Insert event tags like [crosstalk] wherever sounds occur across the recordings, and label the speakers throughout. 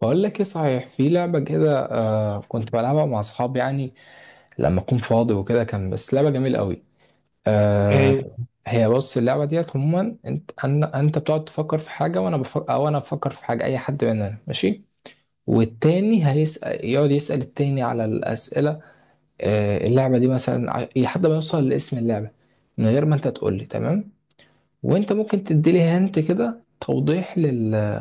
Speaker 1: بقول لك ايه، صحيح في لعبة كده. آه، كنت بلعبها مع اصحابي يعني لما اكون فاضي وكده. كان بس لعبة جميلة قوي. آه.
Speaker 2: إيه،
Speaker 1: هي بص، اللعبة ديت عموما انت بتقعد تفكر في حاجة وانا بفكر، او انا بفكر في حاجة، اي حد مننا ماشي، والتاني هيسأل، يقعد يسأل التاني على الأسئلة. آه، اللعبة دي مثلا لحد ما يوصل لاسم اللعبة، من غير ما انت تقول لي. تمام. وانت ممكن تدي لي هنت كده توضيح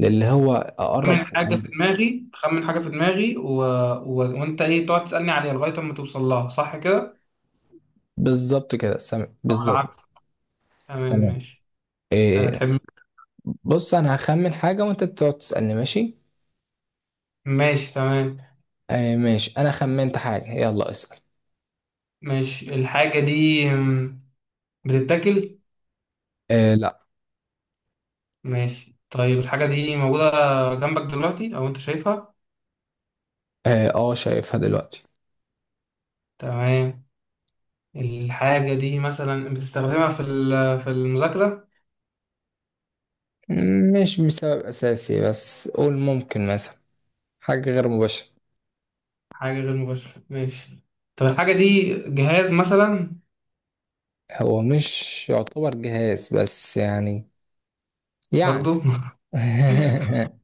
Speaker 1: للي هو اقرب.
Speaker 2: خمن حاجة في دماغي وانت ايه تقعد تسألني عليها لغاية اما توصل لها صح كده؟
Speaker 1: بالظبط كده، سامع،
Speaker 2: او
Speaker 1: بالظبط.
Speaker 2: العكس. تمام
Speaker 1: تمام.
Speaker 2: ماشي. هتحب.
Speaker 1: بص، انا هخمن حاجة وانت بتقعد تسألني، ماشي؟
Speaker 2: ماشي تمام.
Speaker 1: آه ماشي، انا خمنت حاجة، يلا اسأل.
Speaker 2: ماشي، الحاجة دي بتتاكل.
Speaker 1: آه لا.
Speaker 2: ماشي، طيب الحاجة دي موجودة جنبك دلوقتي او انت شايفها؟
Speaker 1: اه آه، شايفها دلوقتي.
Speaker 2: تمام. الحاجة دي مثلا بتستخدمها في المذاكرة.
Speaker 1: مش بسبب اساسي، بس قول ممكن مثلا حاجة غير مباشرة.
Speaker 2: حاجة غير مباشرة، ماشي. طب الحاجة دي جهاز مثلا؟
Speaker 1: هو مش يعتبر جهاز بس يعني، يعني.
Speaker 2: برضو. [laughs]
Speaker 1: [laughs]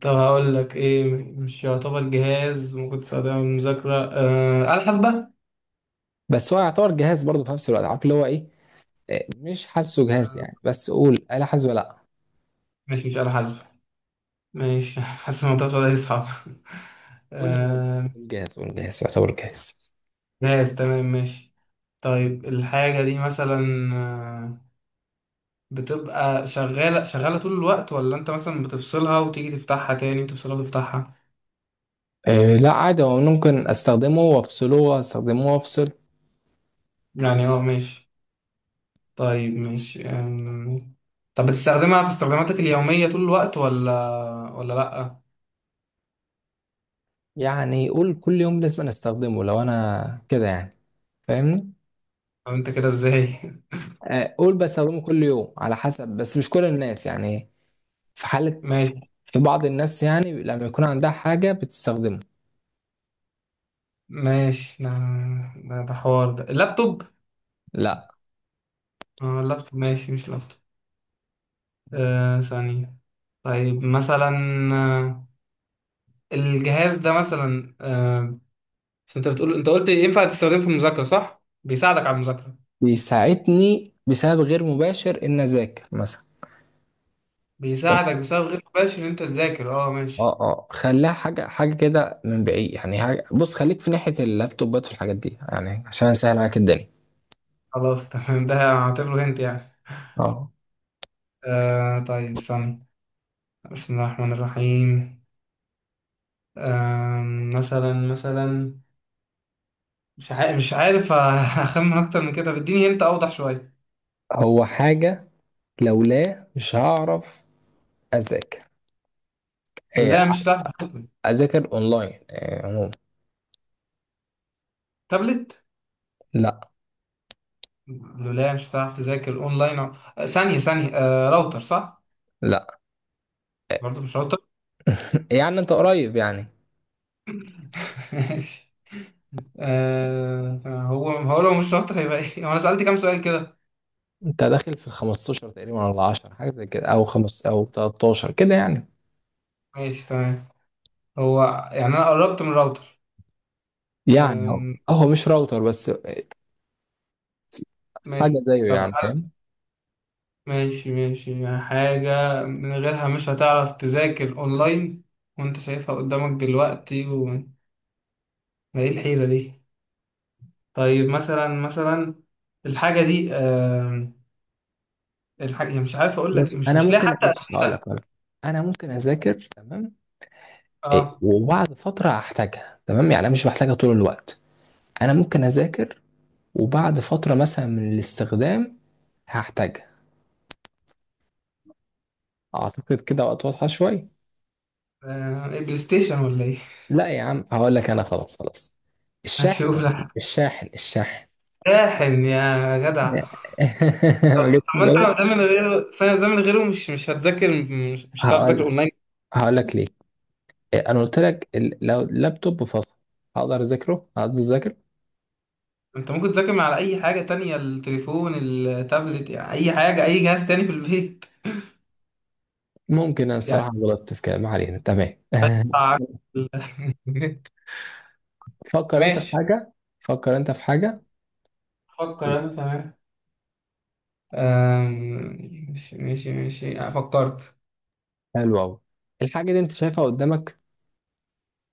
Speaker 2: طب هقول لك ايه، مش يعتبر جهاز ممكن تستخدمه للمذاكرة، آلة حاسبة.
Speaker 1: بس هو يعتبر جهاز برضه في نفس الوقت، عارف اللي هو ايه؟ آه، مش حاسه جهاز
Speaker 2: آه،
Speaker 1: يعني، بس قول آلة حاسبة لا.
Speaker 2: ماشي، مش آلة حاسبة. ماشي [laughs] حاسس الموضوع ده يصعب. [laughs]
Speaker 1: قول هو
Speaker 2: آه.
Speaker 1: جهاز، قول جهاز، قول جهاز يعتبر جهاز.
Speaker 2: جهاز، تمام ماشي. طيب الحاجة دي مثلا، آه، بتبقى شغالة شغالة طول الوقت ولا انت مثلا بتفصلها وتيجي تفتحها تاني وتفصلها وتفتحها؟
Speaker 1: آه لا، عادي، هو ممكن استخدمه وافصله واستخدمه وافصل.
Speaker 2: يعني اه ماشي. طيب ماشي. طب بتستخدمها في استخداماتك اليومية طول الوقت ولا لأ؟
Speaker 1: يعني قول كل يوم لازم أنا استخدمه، لو انا كده يعني، فاهمني؟
Speaker 2: طب انت كده ازاي؟ [laughs]
Speaker 1: آه، قول بستخدمه كل يوم على حسب، بس مش كل الناس يعني، في حالة.
Speaker 2: ماشي.
Speaker 1: في بعض الناس يعني لما يكون عندها حاجة بتستخدمه.
Speaker 2: ماشي، ده ده حوار. ده اللابتوب.
Speaker 1: لا.
Speaker 2: اه، اللابتوب، ماشي، مش لابتوب. آه، ثانية. طيب مثلا، آه، الجهاز ده مثلا. بس انت بتقول، انت قلت ينفع تستخدمه في المذاكرة صح؟ بيساعدك على المذاكرة.
Speaker 1: بيساعدني بسبب غير مباشر ان اذاكر مثلا.
Speaker 2: بيساعدك
Speaker 1: بس.
Speaker 2: بسبب غير مباشر ان انت تذاكر، اه ماشي.
Speaker 1: اه اه، خليها حاجة حاجة كده من بعيد يعني. حاجة، بص، خليك في ناحية اللابتوبات والحاجات دي يعني، عشان اسهل عليك الدنيا.
Speaker 2: خلاص [laughs] تمام، ده هعتبره هنت يعني.
Speaker 1: اه.
Speaker 2: آه، طيب ثانية. بسم الله الرحمن الرحيم. آه، مثلا مثلا، مش عارف مش عارف. [laughs] اخمن اكتر من كده، بديني هنت اوضح شوية.
Speaker 1: هو حاجة لولا مش هعرف اذاكر،
Speaker 2: لا، مش هتعرف.
Speaker 1: اذاكر اونلاين آه، عموما.
Speaker 2: تابلت.
Speaker 1: لا.
Speaker 2: لولا مش هتعرف تذاكر اونلاين آه، ثانية ثانية، راوتر صح؟
Speaker 1: لا.
Speaker 2: برضه مش راوتر.
Speaker 1: [laughs] يعني انت قريب يعني.
Speaker 2: [laughs] ماشي. آه، هو لو مش راوتر هيبقى ايه؟ هو انا سألت كام سؤال كده؟
Speaker 1: انت داخل في ال 15 تقريبا، ولا 10، حاجه زي كده، او خمس او 13 كده يعني.
Speaker 2: ماشي تمام. هو يعني انا قربت من الراوتر.
Speaker 1: يعني هو،
Speaker 2: آم،
Speaker 1: مش راوتر بس، حاجه
Speaker 2: ماشي.
Speaker 1: زيه
Speaker 2: طب
Speaker 1: يعني،
Speaker 2: هل،
Speaker 1: فاهم؟
Speaker 2: ماشي ماشي، يعني حاجة من غيرها مش هتعرف تذاكر اونلاين وانت شايفها قدامك دلوقتي و... ما ايه الحيرة دي؟ طيب مثلا مثلا، الحاجة دي، الحاجة هي، مش عارف اقول لك،
Speaker 1: بص
Speaker 2: مش
Speaker 1: انا
Speaker 2: مش لاقي
Speaker 1: ممكن،
Speaker 2: حتى
Speaker 1: بص هقول لك. انا ممكن اذاكر، تمام؟
Speaker 2: اه.
Speaker 1: إيه، وبعد فتره احتاجها، تمام؟ يعني انا مش بحتاجها طول الوقت، انا ممكن اذاكر، وبعد فتره مثلا من الاستخدام هحتاجها. اعتقد كده وقت واضحه شويه.
Speaker 2: آه، إيه، بلاي ستيشن ولا ايه؟
Speaker 1: لا يا عم، هقول لك، انا خلاص، خلاص.
Speaker 2: [laughs]
Speaker 1: الشاحن
Speaker 2: هشوف
Speaker 1: يا عم،
Speaker 2: لك.
Speaker 1: الشاحن، الشاحن.
Speaker 2: شاحن يا
Speaker 1: [laughs]
Speaker 2: جدع.
Speaker 1: ما
Speaker 2: طب
Speaker 1: جتش في
Speaker 2: ما
Speaker 1: بالك.
Speaker 2: انت ده من غيره، ثانية، ده من غيره مش مش هتذاكر، مش هتعرف
Speaker 1: هقول
Speaker 2: تذاكر
Speaker 1: لك،
Speaker 2: اونلاين.
Speaker 1: هقول لك ليه. انا قلت لك لو اللابتوب فصل هقدر اذاكره، هقدر اذاكر.
Speaker 2: انت ممكن تذاكر من على اي حاجة تانية، التليفون، التابلت، يعني اي حاجة، اي جهاز تاني في البيت.
Speaker 1: ممكن انا
Speaker 2: [laughs] يعني
Speaker 1: الصراحه غلطت في كلام، ما علينا، تمام. [laughs]
Speaker 2: طبعاً النت. [laughs]
Speaker 1: فكر انت في
Speaker 2: ماشي،
Speaker 1: حاجه، فكر انت في حاجه.
Speaker 2: فكر انا تمام. ماشي ماشي ماشي، فكرت.
Speaker 1: حلوه قوي. الحاجه دي انت شايفها قدامك؟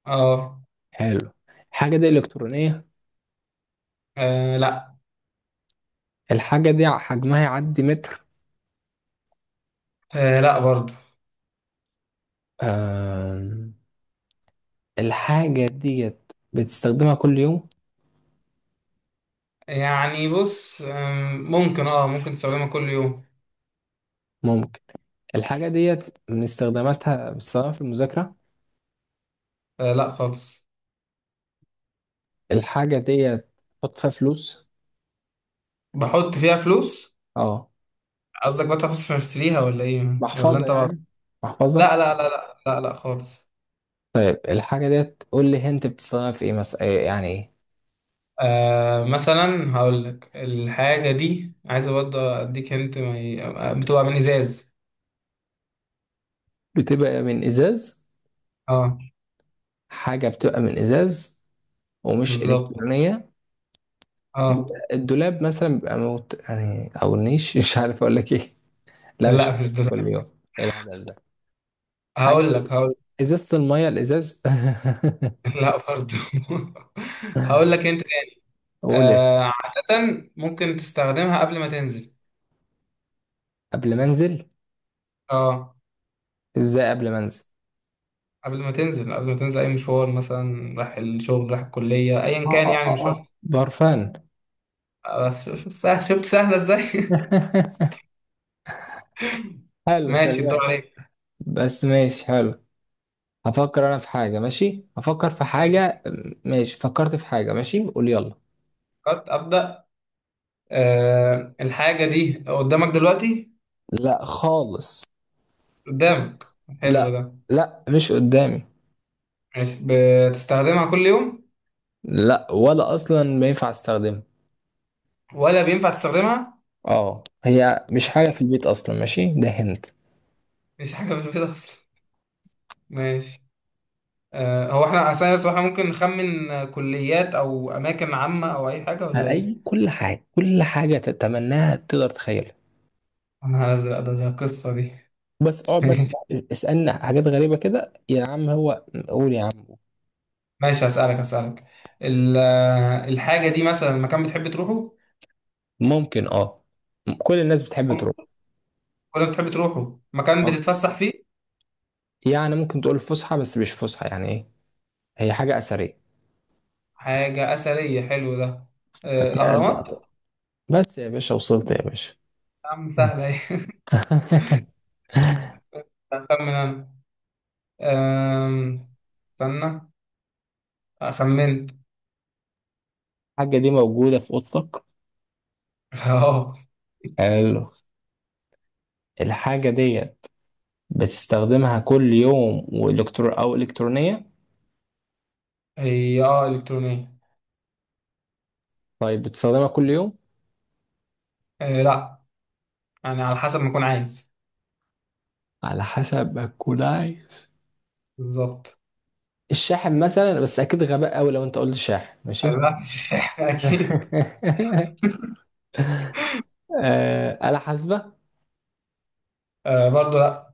Speaker 2: اه،
Speaker 1: حلو. الحاجه دي الكترونيه؟
Speaker 2: آه، لا.
Speaker 1: الحاجه دي حجمها يعدي متر؟
Speaker 2: آه، لا برضه.
Speaker 1: آم، الحاجه ديت بتستخدمها كل يوم؟
Speaker 2: يعني بص، ممكن، اه ممكن تستخدمها كل يوم.
Speaker 1: الحاجة ديت من استخداماتها بستخدمها في المذاكرة؟
Speaker 2: آه، لا خالص.
Speaker 1: الحاجة ديت بحط فيها فلوس؟
Speaker 2: بحط فيها فلوس.
Speaker 1: اه،
Speaker 2: قصدك بقى فلوس عشان اشتريها ولا ايه، ولا
Speaker 1: محفظة
Speaker 2: انت بقى؟
Speaker 1: يعني، محفظة.
Speaker 2: لا لا لا لا لا لا خالص.
Speaker 1: طيب الحاجة ديت قول لي انت بتستخدمها في ايه مثلا، إيه يعني، ايه؟
Speaker 2: آه مثلا، هقول لك الحاجة دي، عايز برضه اديك انت ما ي... بتبقى من ازاز.
Speaker 1: بتبقى من ازاز؟
Speaker 2: اه،
Speaker 1: حاجة بتبقى من ازاز ومش
Speaker 2: بالظبط
Speaker 1: الكترونية.
Speaker 2: اه.
Speaker 1: الدولاب مثلا بيبقى موت يعني، او النيش. [laughs] مش عارف اقول لك ايه. لا مش
Speaker 2: لا، مش
Speaker 1: كل
Speaker 2: دلوقتي.
Speaker 1: يوم، ايه الهبل ده. حاجة،
Speaker 2: هقول لك.
Speaker 1: ازازة المية، الازاز. [laughs]
Speaker 2: [laughs] لا برضه. [laughs] هقول لك انت تاني.
Speaker 1: قول سيدي.
Speaker 2: آه، عادة ممكن تستخدمها قبل ما تنزل.
Speaker 1: قبل ما انزل؟
Speaker 2: اه،
Speaker 1: ازاي قبل ما انزل؟
Speaker 2: قبل ما تنزل، قبل ما تنزل أي مشوار مثلا، رايح الشغل، رايح الكلية، أيا
Speaker 1: اه
Speaker 2: كان
Speaker 1: اه
Speaker 2: يعني
Speaker 1: اه اه
Speaker 2: مشوار.
Speaker 1: برفان.
Speaker 2: بس شفت سهلة إزاي؟
Speaker 1: [laughs]
Speaker 2: [laughs]
Speaker 1: حلو،
Speaker 2: ماشي،
Speaker 1: شغال.
Speaker 2: الدور عليك.
Speaker 1: بس ماشي، حلو. هفكر انا في حاجة، ماشي هفكر في
Speaker 2: ماشي،
Speaker 1: حاجة. ماشي، فكرت في حاجة، ماشي قول، يلا.
Speaker 2: فكرت، أبدأ. أه، الحاجة دي قدامك دلوقتي؟
Speaker 1: لا خالص.
Speaker 2: قدامك. حلو
Speaker 1: لا.
Speaker 2: ده.
Speaker 1: لا، مش قدامي.
Speaker 2: ماشي. بتستخدمها كل يوم
Speaker 1: لا، ولا اصلا ما ينفع استخدمها.
Speaker 2: ولا بينفع تستخدمها؟
Speaker 1: اه، هي مش حاجة في البيت اصلا، ماشي، ده هنت.
Speaker 2: مش حاجة في البيت أصلا. ماشي. أه، هو احنا أصلا، بس احنا ممكن نخمن، آه، كليات أو أماكن عامة أو أي حاجة ولا إيه؟
Speaker 1: اي، كل حاجة، كل حاجة تتمناها تقدر تخيلها.
Speaker 2: أنا هنزل أدب القصة دي.
Speaker 1: بس اقعد بس.
Speaker 2: [laughs]
Speaker 1: اسألنا حاجات غريبة كده يا عم، هو قول يا عم.
Speaker 2: ماشي، هسألك. ال- الحاجة دي مثلا مكان بتحب تروحه،
Speaker 1: ممكن، اه، كل الناس بتحب تروح.
Speaker 2: ولا بتحب تروحه مكان
Speaker 1: اه
Speaker 2: بتتفسح فيه؟
Speaker 1: يعني ممكن تقول فسحة، بس مش فسحة يعني، ايه. هي حاجة أثرية.
Speaker 2: حاجة أثرية، حلو ده. آه،
Speaker 1: قاعد
Speaker 2: الأهرامات.
Speaker 1: بقى. بس يا باشا، وصلت يا باشا.
Speaker 2: يا عم سهلة ايه.
Speaker 1: [laughs]
Speaker 2: [laughs] أخمن أنا. آم، استنى، خمنت.
Speaker 1: الحاجة دي موجودة في أوضتك؟
Speaker 2: [laughs] اه.
Speaker 1: حلو. الحاجة دي بتستخدمها كل يوم وإلكترو أو إلكترونية؟
Speaker 2: هي اه إلكترونية.
Speaker 1: طيب بتستخدمها كل يوم؟
Speaker 2: آه، لا. يعني على حسب ما أكون عايز.
Speaker 1: على حسب ما تكون عايز.
Speaker 2: بالظبط.
Speaker 1: الشاحن مثلا، بس أكيد غباء أوي لو أنت قلت شاحن، ماشي.
Speaker 2: لا، مش [laughs] أكيد.
Speaker 1: [laughs] آه، آلة حاسبة.
Speaker 2: آه، برضو لا.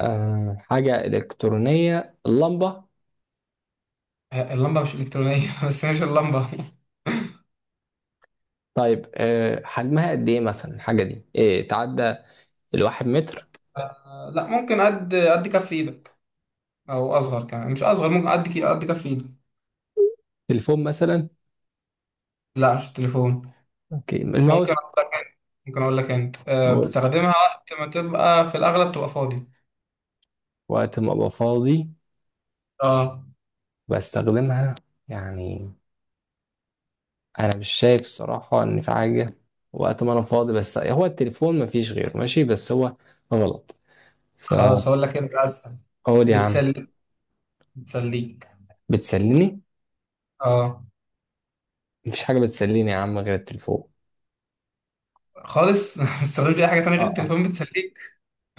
Speaker 1: آه، حاجة إلكترونية، اللمبة.
Speaker 2: آه، اللمبة مش إلكترونية. [laughs] بس هي مش اللمبة.
Speaker 1: طيب آه، حجمها قد إيه مثلا الحاجة دي؟ إيه، تعدى الواحد متر؟
Speaker 2: [laughs] آه، لا، ممكن قد كف إيدك، او اصغر كمان. مش اصغر، ممكن قد قد كف ايدي.
Speaker 1: تليفون مثلا؟
Speaker 2: لا، مش التليفون.
Speaker 1: أوكي،
Speaker 2: ممكن
Speaker 1: الماوس.
Speaker 2: اقول لك انت ممكن اقول لك انت
Speaker 1: أقول
Speaker 2: بتستخدمها وقت ما تبقى في الاغلب تبقى فاضي.
Speaker 1: وقت ما أبقى فاضي
Speaker 2: اه.
Speaker 1: بستخدمها يعني، أنا مش شايف الصراحة إن في حاجة وقت ما أنا فاضي بس هو التليفون، مفيش غيره، ماشي، بس هو غلط فأقول.
Speaker 2: خلاص، اقول لك انت اسهل،
Speaker 1: يا عم،
Speaker 2: بتسليك بتسليك.
Speaker 1: بتسليني؟
Speaker 2: اه.
Speaker 1: مفيش حاجة بتسليني يا عم غير التليفون.
Speaker 2: خالص. [laughs] ما بتستخدمش اي حاجه تانية غير
Speaker 1: اه.
Speaker 2: التليفون بتسليك.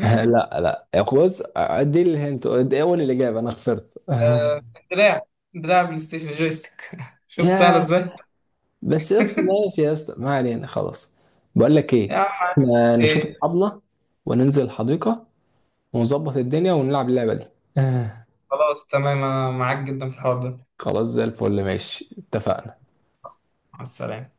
Speaker 1: [laughs] لا، لا بص، دي الهنت، دي اول الاجابه، انا خسرت.
Speaker 2: أه، دراع. دراع بلاي ستيشن، جويستيك. [laughs]
Speaker 1: [laughs]
Speaker 2: شفت سهله
Speaker 1: يا،
Speaker 2: ازاي؟
Speaker 1: بس يا اسطى، ماشي يا اسطى، ما علينا خلاص. بقول لك
Speaker 2: يا
Speaker 1: ايه،
Speaker 2: عم
Speaker 1: إحنا نشوف
Speaker 2: ايه،
Speaker 1: الطبله وننزل الحديقه ونظبط الدنيا ونلعب اللعبه دي. [laughs]
Speaker 2: خلاص تمام، انا معاك جدا في الحوار ده.
Speaker 1: خلاص، زي الفل، ماشي، اتفقنا.
Speaker 2: مع السلامه.